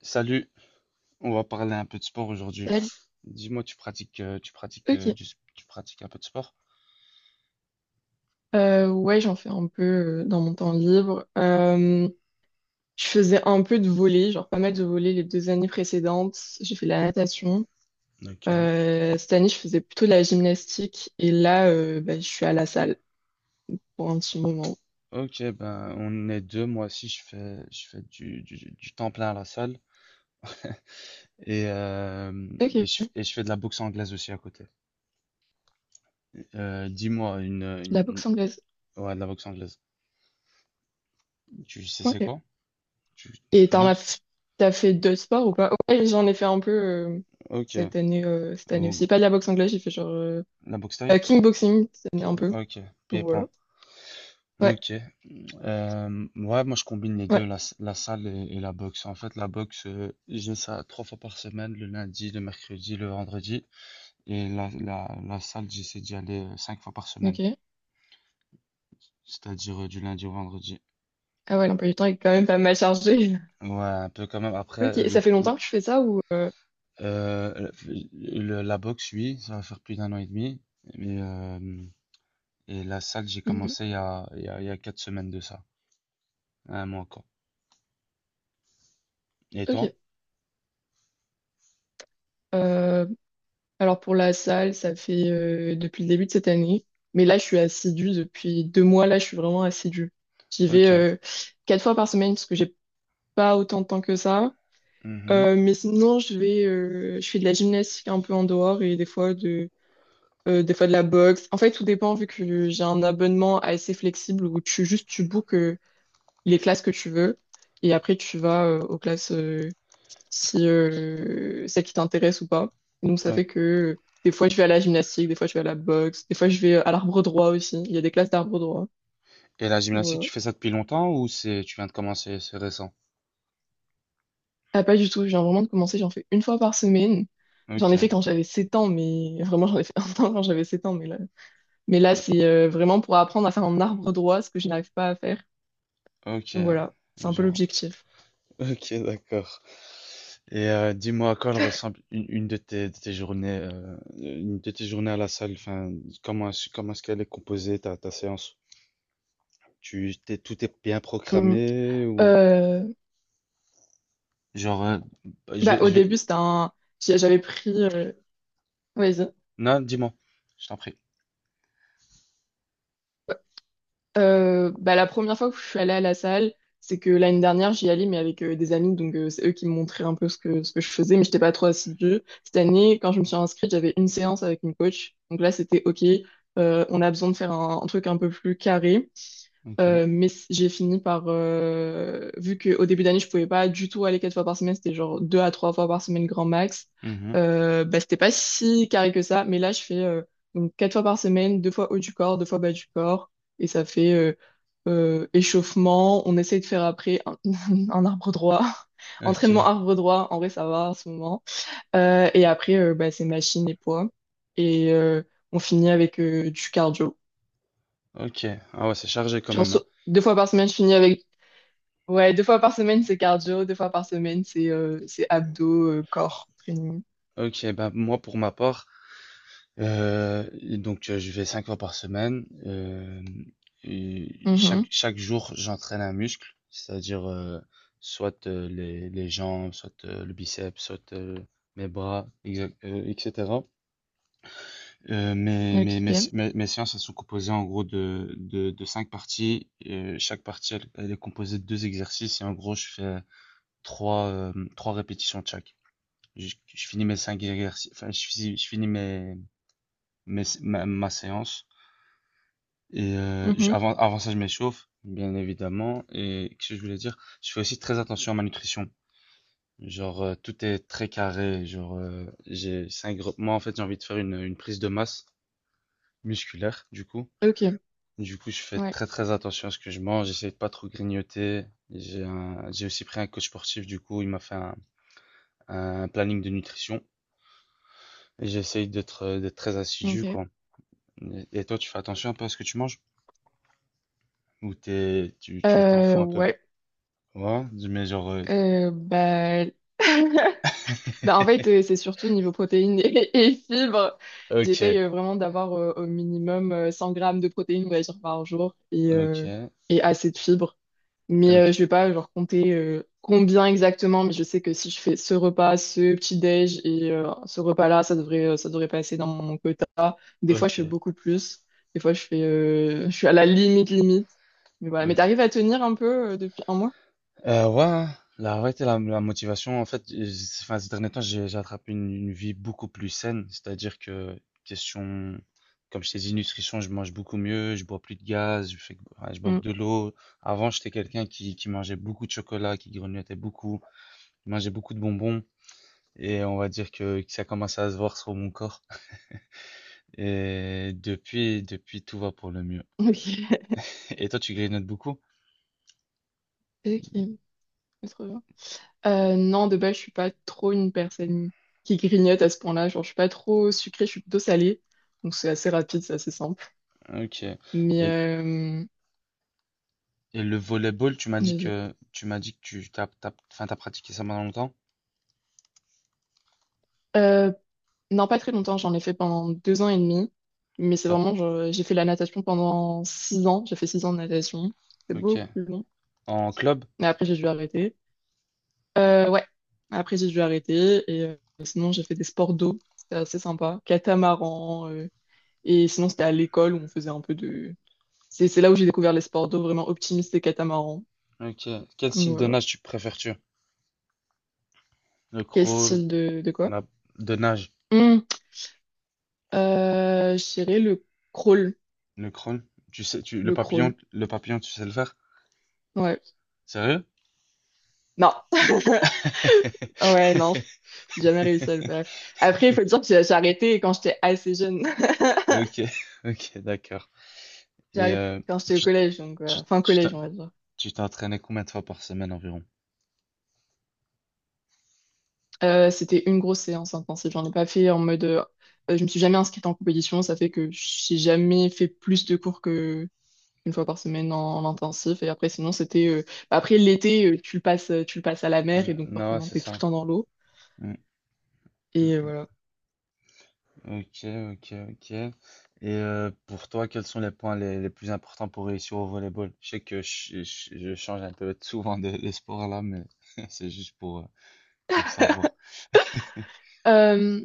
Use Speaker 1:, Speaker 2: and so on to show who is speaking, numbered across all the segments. Speaker 1: Salut, on va parler un peu de sport aujourd'hui.
Speaker 2: Salut.
Speaker 1: Dis-moi, tu pratiques,
Speaker 2: Ok.
Speaker 1: du s- tu pratiques un peu de sport?
Speaker 2: Ouais, j'en fais un peu dans mon temps libre. Je faisais un peu de volley, genre pas mal de volley les deux années précédentes. J'ai fait de la natation.
Speaker 1: Ok,
Speaker 2: Cette année, je faisais plutôt de la gymnastique. Et là, bah, je suis à la salle pour un petit moment.
Speaker 1: ok, ben on est deux. Moi aussi, je fais du temps plein à la salle et, euh, et,
Speaker 2: Ok.
Speaker 1: je,
Speaker 2: De
Speaker 1: et je fais de la boxe anglaise aussi à côté. Euh, dis-moi une,
Speaker 2: La
Speaker 1: une-
Speaker 2: boxe anglaise.
Speaker 1: ouais, de la boxe anglaise. Tu sais c'est
Speaker 2: Ok.
Speaker 1: quoi? Tu
Speaker 2: Et
Speaker 1: connais?
Speaker 2: t'as fait deux sports ou pas? Ouais, j'en ai fait un peu
Speaker 1: Ok.
Speaker 2: cette année
Speaker 1: Ou
Speaker 2: aussi. Pas de la boxe anglaise, j'ai fait genre
Speaker 1: la boxe thaï?
Speaker 2: kickboxing cette année un peu.
Speaker 1: Ok.
Speaker 2: Donc voilà.
Speaker 1: Pieds-poings.
Speaker 2: Ouais.
Speaker 1: Ok. Ouais, moi je combine les deux,
Speaker 2: Ouais.
Speaker 1: la salle et la boxe. En fait, la boxe, j'ai ça 3 fois par semaine, le lundi, le mercredi, le vendredi. Et la salle, j'essaie d'y aller 5 fois par semaine,
Speaker 2: Ok.
Speaker 1: c'est-à-dire du lundi au vendredi.
Speaker 2: Ah ouais, l'emploi du temps est quand même pas mal chargé.
Speaker 1: Ouais, un peu quand même. Après,
Speaker 2: Ok, ça fait longtemps que je fais ça ou.
Speaker 1: euh, la boxe, oui, ça va faire plus d'un an et demi. Mais, et la salle, j'ai
Speaker 2: Mhm.
Speaker 1: commencé il y a, il y a, il y a 4 semaines de ça, un mois encore. Et toi?
Speaker 2: Ok. Euh, alors pour la salle, ça fait depuis le début de cette année. Mais là, je suis assidue depuis 2 mois. Là, je suis vraiment assidue. J'y vais
Speaker 1: Ok.
Speaker 2: 4 fois par semaine parce que j'ai pas autant de temps que ça.
Speaker 1: Mhm.
Speaker 2: Mais sinon, je fais de la gymnastique un peu en dehors et des fois de la boxe. En fait, tout dépend vu que j'ai un abonnement assez flexible où tu juste tu bookes. Les classes que tu veux, et après tu vas aux classes si celles qui t'intéressent ou pas. Donc ça
Speaker 1: Ok.
Speaker 2: fait que des fois je vais à la gymnastique, des fois je vais à la boxe, des fois je vais à l'arbre droit aussi. Il y a des classes d'arbre droit.
Speaker 1: Et la gymnastique,
Speaker 2: Voilà.
Speaker 1: tu fais ça depuis longtemps ou c'est tu viens de commencer, c'est récent?
Speaker 2: Ah pas du tout, je viens vraiment de commencer, j'en fais 1 fois par semaine. J'en
Speaker 1: Ok,
Speaker 2: ai fait quand j'avais 7 ans, mais vraiment j'en ai fait 1 an quand j'avais 7 ans, mais là c'est vraiment pour apprendre à faire un arbre droit, ce que je n'arrive pas à faire.
Speaker 1: ok,
Speaker 2: Donc voilà, c'est un peu
Speaker 1: genre,
Speaker 2: l'objectif.
Speaker 1: ok, d'accord. Et dis-moi à quoi elle ressemble une de tes journées à la salle. Enfin, comment est-ce qu'elle est composée ta séance? Tout est bien
Speaker 2: Mhm.
Speaker 1: programmé ou
Speaker 2: Euh,
Speaker 1: genre, je
Speaker 2: Bah,
Speaker 1: vais,
Speaker 2: au
Speaker 1: je
Speaker 2: début,
Speaker 1: vais,
Speaker 2: c'était un. J'avais pris. Vas-y.
Speaker 1: non, dis-moi, je t'en prie.
Speaker 2: Bah, la première fois que je suis allée à la salle, c'est que l'année dernière, j'y allais, mais avec des amis. Donc, c'est eux qui me montraient un peu ce que je faisais, mais j'étais pas trop assidue. Cette année, quand je me suis inscrite, j'avais une séance avec une coach. Donc là, c'était OK. On a besoin de faire un truc un peu plus carré.
Speaker 1: Ok.
Speaker 2: Mais j'ai fini par, vu qu'au début d'année, je pouvais pas du tout aller 4 fois par semaine, c'était genre 2 à 3 fois par semaine grand max.
Speaker 1: Mhm.
Speaker 2: Bah, c'était pas si carré que ça, mais là, je fais donc 4 fois par semaine, 2 fois haut du corps, 2 fois bas du corps, et ça fait échauffement. On essaye de faire après un arbre droit,
Speaker 1: Ok,
Speaker 2: entraînement arbre droit, en vrai, ça va en ce moment. Et après, bah, c'est machine et poids, et on finit avec du cardio.
Speaker 1: ok. Ah ouais, c'est chargé quand
Speaker 2: Genre,
Speaker 1: même, hein.
Speaker 2: 2 fois par semaine, je finis avec. Ouais, 2 fois par semaine, c'est cardio, 2 fois par semaine, c'est abdos, corps, training.
Speaker 1: Ok, ben moi pour ma part, et donc je vais 5 fois par semaine, hem et
Speaker 2: Mhm.
Speaker 1: chaque jour, j'entraîne un muscle, c'est-à-dire, soit, les jambes, soit, le biceps, soit, mes bras, exact et cetera. Heu, mes mes mes
Speaker 2: Ok.
Speaker 1: mes mes séances, elles sont composées en gros de 5 parties et chaque partie, elle est composée de 2 exercices et en gros, je fais 3 3 répétitions de chaque. Je finis mes 5 exercices, enfin, je finis mes mes ma ma séance. Et,
Speaker 2: Mhm.
Speaker 1: avant ça, je m'échauffe, bien évidemment. Et qu'est-ce que je voulais dire? Je fais aussi très attention à ma nutrition. Genre, tout est très carré. Genre, moi, en fait, j'ai envie de faire une prise de masse musculaire, du coup.
Speaker 2: Ok.
Speaker 1: Du coup, je fais
Speaker 2: Ouais.
Speaker 1: très, très attention à ce que je mange. J'essaie de pas trop grignoter. J'ai aussi pris un coach sportif, du coup, il m'a fait un planning de nutrition. Et j'essaye d'être très assidu,
Speaker 2: Ok.
Speaker 1: quoi. Et toi, tu fais attention un peu à ce que tu manges? Ou tu t'en fous un peu?
Speaker 2: Ouais.
Speaker 1: Ouais, mais genre,
Speaker 2: Euh, bah... Bah, en fait, c'est surtout niveau protéines et, et fibres.
Speaker 1: Ok,
Speaker 2: J'essaye vraiment d'avoir au minimum 100 grammes de protéines, on va dire, par jour et, euh,
Speaker 1: ok,
Speaker 2: et assez de fibres. Mais
Speaker 1: ok,
Speaker 2: je vais pas genre compter combien exactement, mais je sais que si je fais ce repas, ce petit-déj et ce repas-là, ça devrait passer dans mon quota. Des fois,
Speaker 1: ok,
Speaker 2: je fais beaucoup plus. Des fois, je suis à la limite, limite. Mais voilà. Mais
Speaker 1: ok.
Speaker 2: t'arrives à tenir un peu depuis un mois?
Speaker 1: Ouais, hein, la vérité, la motivation, en fait, enfin, ces derniers temps, j'ai attrapé une vie beaucoup plus saine. C'est-à-dire que, question, comme je t'ai dit, nutrition, je mange beaucoup mieux, je bois plus de gaz, ouais, je bois que
Speaker 2: Mm.
Speaker 1: de l'eau. Avant, j'étais quelqu'un qui mangeait beaucoup de chocolat, qui grignotait beaucoup, qui mangeait beaucoup de bonbons. Et on va dire que ça commence à se voir sur mon corps. Et depuis, tout va pour le mieux.
Speaker 2: Ok.
Speaker 1: Et toi, tu grignotes beaucoup?
Speaker 2: Ok. Trop bien. Non, de base, je suis pas trop une personne qui grignote à ce point-là. Genre, je suis pas trop sucrée, je suis plutôt salée. Donc, c'est assez rapide, c'est assez simple.
Speaker 1: Ok.
Speaker 2: Mais,
Speaker 1: Et, Et le volleyball, tu m'as dit
Speaker 2: vas-y.
Speaker 1: que tu m'as dit que enfin, t'as pratiqué ça pendant longtemps?
Speaker 2: Euh, non, pas très longtemps. J'en ai fait pendant 2 ans et demi. Mais c'est
Speaker 1: Co-
Speaker 2: vraiment, genre, j'ai fait la natation pendant 6 ans. J'ai fait 6 ans de natation. C'est
Speaker 1: Ok.
Speaker 2: beaucoup plus long.
Speaker 1: En club?
Speaker 2: Mais après, j'ai dû arrêter. Ouais. Après, j'ai dû arrêter. Et sinon, j'ai fait des sports d'eau. C'était assez sympa. Catamaran. Et sinon, c'était à l'école où on faisait un peu de. C'est là où j'ai découvert les sports d'eau vraiment optimistes et catamarans.
Speaker 1: Ok. Quel
Speaker 2: Donc,
Speaker 1: style de
Speaker 2: voilà.
Speaker 1: nage tu préfères-tu? Le
Speaker 2: Quel
Speaker 1: crawl,
Speaker 2: style de quoi?
Speaker 1: la... de nage,
Speaker 2: Hmm, je dirais le crawl.
Speaker 1: le crawl. Tu sais,
Speaker 2: Le crawl.
Speaker 1: le papillon, tu sais le faire?
Speaker 2: Ouais.
Speaker 1: Sérieux?
Speaker 2: Non. Ouais, non, j'ai jamais réussi à le faire. Après, il faut dire que j'ai arrêté quand j'étais assez jeune.
Speaker 1: Ok, ok, d'accord.
Speaker 2: J'ai
Speaker 1: Et
Speaker 2: arrêté quand j'étais au
Speaker 1: tu,
Speaker 2: collège, donc
Speaker 1: tu,
Speaker 2: voilà. Fin
Speaker 1: tu t'en-
Speaker 2: collège, on va dire.
Speaker 1: tu t'entraînais combien de fois par semaine environ?
Speaker 2: C'était une grosse séance intensive. J'en ai pas fait en mode. Je me suis jamais inscrite en compétition. Ça fait que j'ai jamais fait plus de cours que 1 fois par semaine en intensif. Et après, sinon, c'était. Bah, après, l'été, tu le passes à la
Speaker 1: Ah,
Speaker 2: mer et
Speaker 1: non,
Speaker 2: donc
Speaker 1: non, ouais,
Speaker 2: forcément,
Speaker 1: c'est
Speaker 2: t'es tout le
Speaker 1: ça.
Speaker 2: temps dans l'eau.
Speaker 1: Mm.
Speaker 2: Et voilà.
Speaker 1: Ok, ok, ok. Et pour toi, quels sont les points les plus importants pour réussir au volleyball? Je sais que je change un peu souvent de sport là, mais c'est juste pour savoir.
Speaker 2: Euh,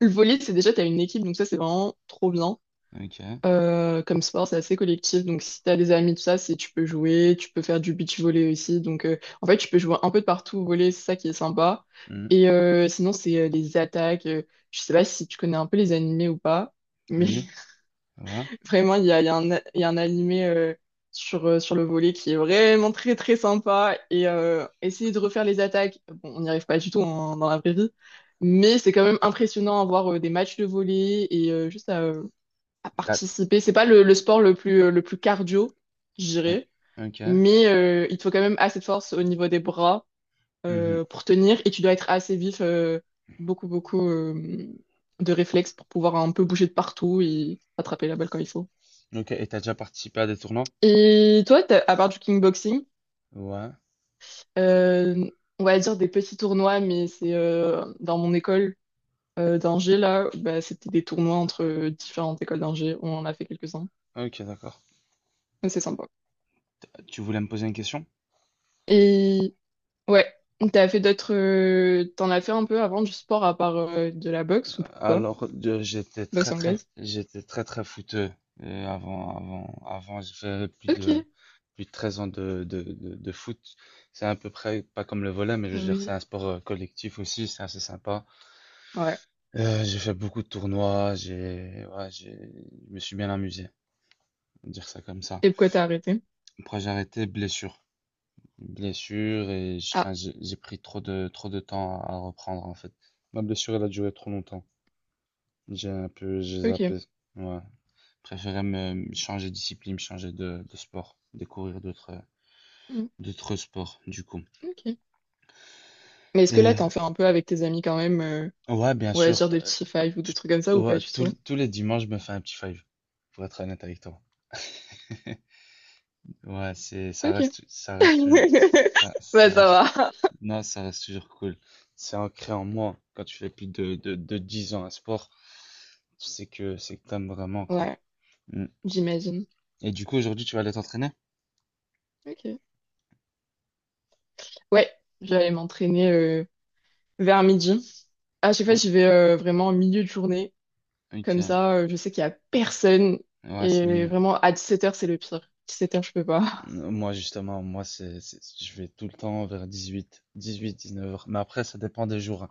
Speaker 2: le volley, c'est déjà, t'as une équipe, donc ça, c'est vraiment trop bien.
Speaker 1: Ok.
Speaker 2: Comme sport, c'est assez collectif. Donc, si t'as des amis, tout ça, c'est tu peux jouer, tu peux faire du beach volley aussi. Donc, en fait, tu peux jouer un peu de partout au volley, c'est ça qui est sympa.
Speaker 1: Hmm.
Speaker 2: Et sinon, c'est les attaques. Je sais pas si tu connais un peu les animés ou pas, mais
Speaker 1: Oui, ouais.
Speaker 2: vraiment, il y a un animé sur le volet qui est vraiment très très sympa. Et essayer de refaire les attaques, bon, on n'y arrive pas du tout dans la vraie vie, mais c'est quand même impressionnant à voir des matchs de volley et juste à
Speaker 1: T'as-
Speaker 2: participer. C'est pas le sport le plus cardio, je
Speaker 1: oui.
Speaker 2: dirais,
Speaker 1: Ok.
Speaker 2: mais il te faut quand même assez de force au niveau des bras
Speaker 1: Mhm.
Speaker 2: pour tenir et tu dois être assez vif, beaucoup beaucoup de réflexes pour pouvoir un peu bouger de partout et attraper la balle quand il faut.
Speaker 1: Ok, et t'as déjà participé à des tournois?
Speaker 2: Et toi, à part du kickboxing,
Speaker 1: Ouais.
Speaker 2: euh, on va dire des petits tournois, mais c'est dans mon école d'ingé, là, bah, c'était des tournois entre différentes écoles d'ingé. On en a fait quelques-uns.
Speaker 1: Ok, d'accord.
Speaker 2: Mais c'est sympa.
Speaker 1: Tu voulais me poser une question?
Speaker 2: Et ouais, t'as fait t'en as fait un peu avant du sport à part de la boxe ou pas?
Speaker 1: Alors, j'étais
Speaker 2: Boxe
Speaker 1: très très
Speaker 2: anglaise?
Speaker 1: j'étais très très footeux avant avant j'ai fait plus
Speaker 2: Ok.
Speaker 1: de plus de 13 ans de foot. C'est à peu près pas comme le volley mais je
Speaker 2: Ah
Speaker 1: veux dire c'est
Speaker 2: oui.
Speaker 1: un sport collectif aussi, c'est assez sympa.
Speaker 2: Ouais.
Speaker 1: J'ai fait beaucoup de tournois, j'ai ouais, j'ai je me suis bien amusé, on va dire ça comme ça.
Speaker 2: Et pourquoi t'as arrêté?
Speaker 1: Après j'ai arrêté blessure. Blessure et
Speaker 2: Ah,
Speaker 1: enfin j'ai pris trop de temps à reprendre en fait. Ma blessure elle a duré trop longtemps. J'ai un peu j'ai
Speaker 2: ok.
Speaker 1: zappé. Ouais. Préférais me changer de discipline, me changer de sport, découvrir d'autres
Speaker 2: Mm,
Speaker 1: d'autres sports du coup.
Speaker 2: ok. Mais est-ce que là,
Speaker 1: Et
Speaker 2: t'en fais un peu avec tes amis quand même?
Speaker 1: ouais, bien
Speaker 2: Ouais,
Speaker 1: sûr,
Speaker 2: dire des petits fives ou des trucs comme ça ou pas
Speaker 1: ouais,
Speaker 2: du
Speaker 1: tous les
Speaker 2: tout?
Speaker 1: tous les dimanches, je me fais un petit five, pour être honnête avec toi. Ouais, c'est
Speaker 2: Ok.
Speaker 1: ça reste tou-
Speaker 2: Bah, ça va.
Speaker 1: non, ça reste toujours cool. C'est ancré en moi quand tu fais plus de 10 ans à sport, tu sais que c'est que t'aimes vraiment quoi.
Speaker 2: Ouais,
Speaker 1: Mm.
Speaker 2: j'imagine.
Speaker 1: Et du coup aujourd'hui tu vas aller t'entraîner?
Speaker 2: Ok. Ouais, j'allais m'entraîner vers midi. À chaque fois,
Speaker 1: Oh,
Speaker 2: j'y vais vraiment en milieu de journée. Comme
Speaker 1: ok.
Speaker 2: ça, je sais qu'il y a personne.
Speaker 1: Ouais, c'est
Speaker 2: Et
Speaker 1: mieux.
Speaker 2: vraiment, à 17 h, c'est le pire. 17 h, je peux pas.
Speaker 1: Moi, justement, moi, je vais tout le temps vers 18, 18, 19 heures. Mais après, ça dépend des jours, hein.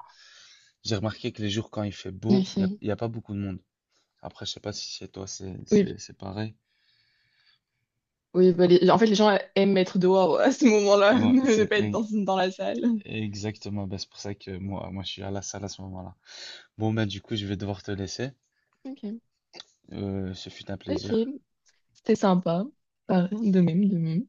Speaker 1: J'ai remarqué que les jours quand il fait beau, il n'y a,
Speaker 2: Ok.
Speaker 1: il y a pas beaucoup de monde. Après, je sais pas si chez toi, c'est,
Speaker 2: Oui,
Speaker 1: c'est, c'est pareil.
Speaker 2: oui bah, en fait, les gens aiment être dehors à ce moment-là,
Speaker 1: Et ouais,
Speaker 2: ne pas être dans la salle.
Speaker 1: exactement. Ben, c'est pour ça que moi, je suis à la salle à ce moment-là. Bon, ben, du coup, je vais devoir te laisser.
Speaker 2: Ok.
Speaker 1: Ce fut un
Speaker 2: Ok.
Speaker 1: plaisir.
Speaker 2: C'était sympa. Pareil, de même, de même.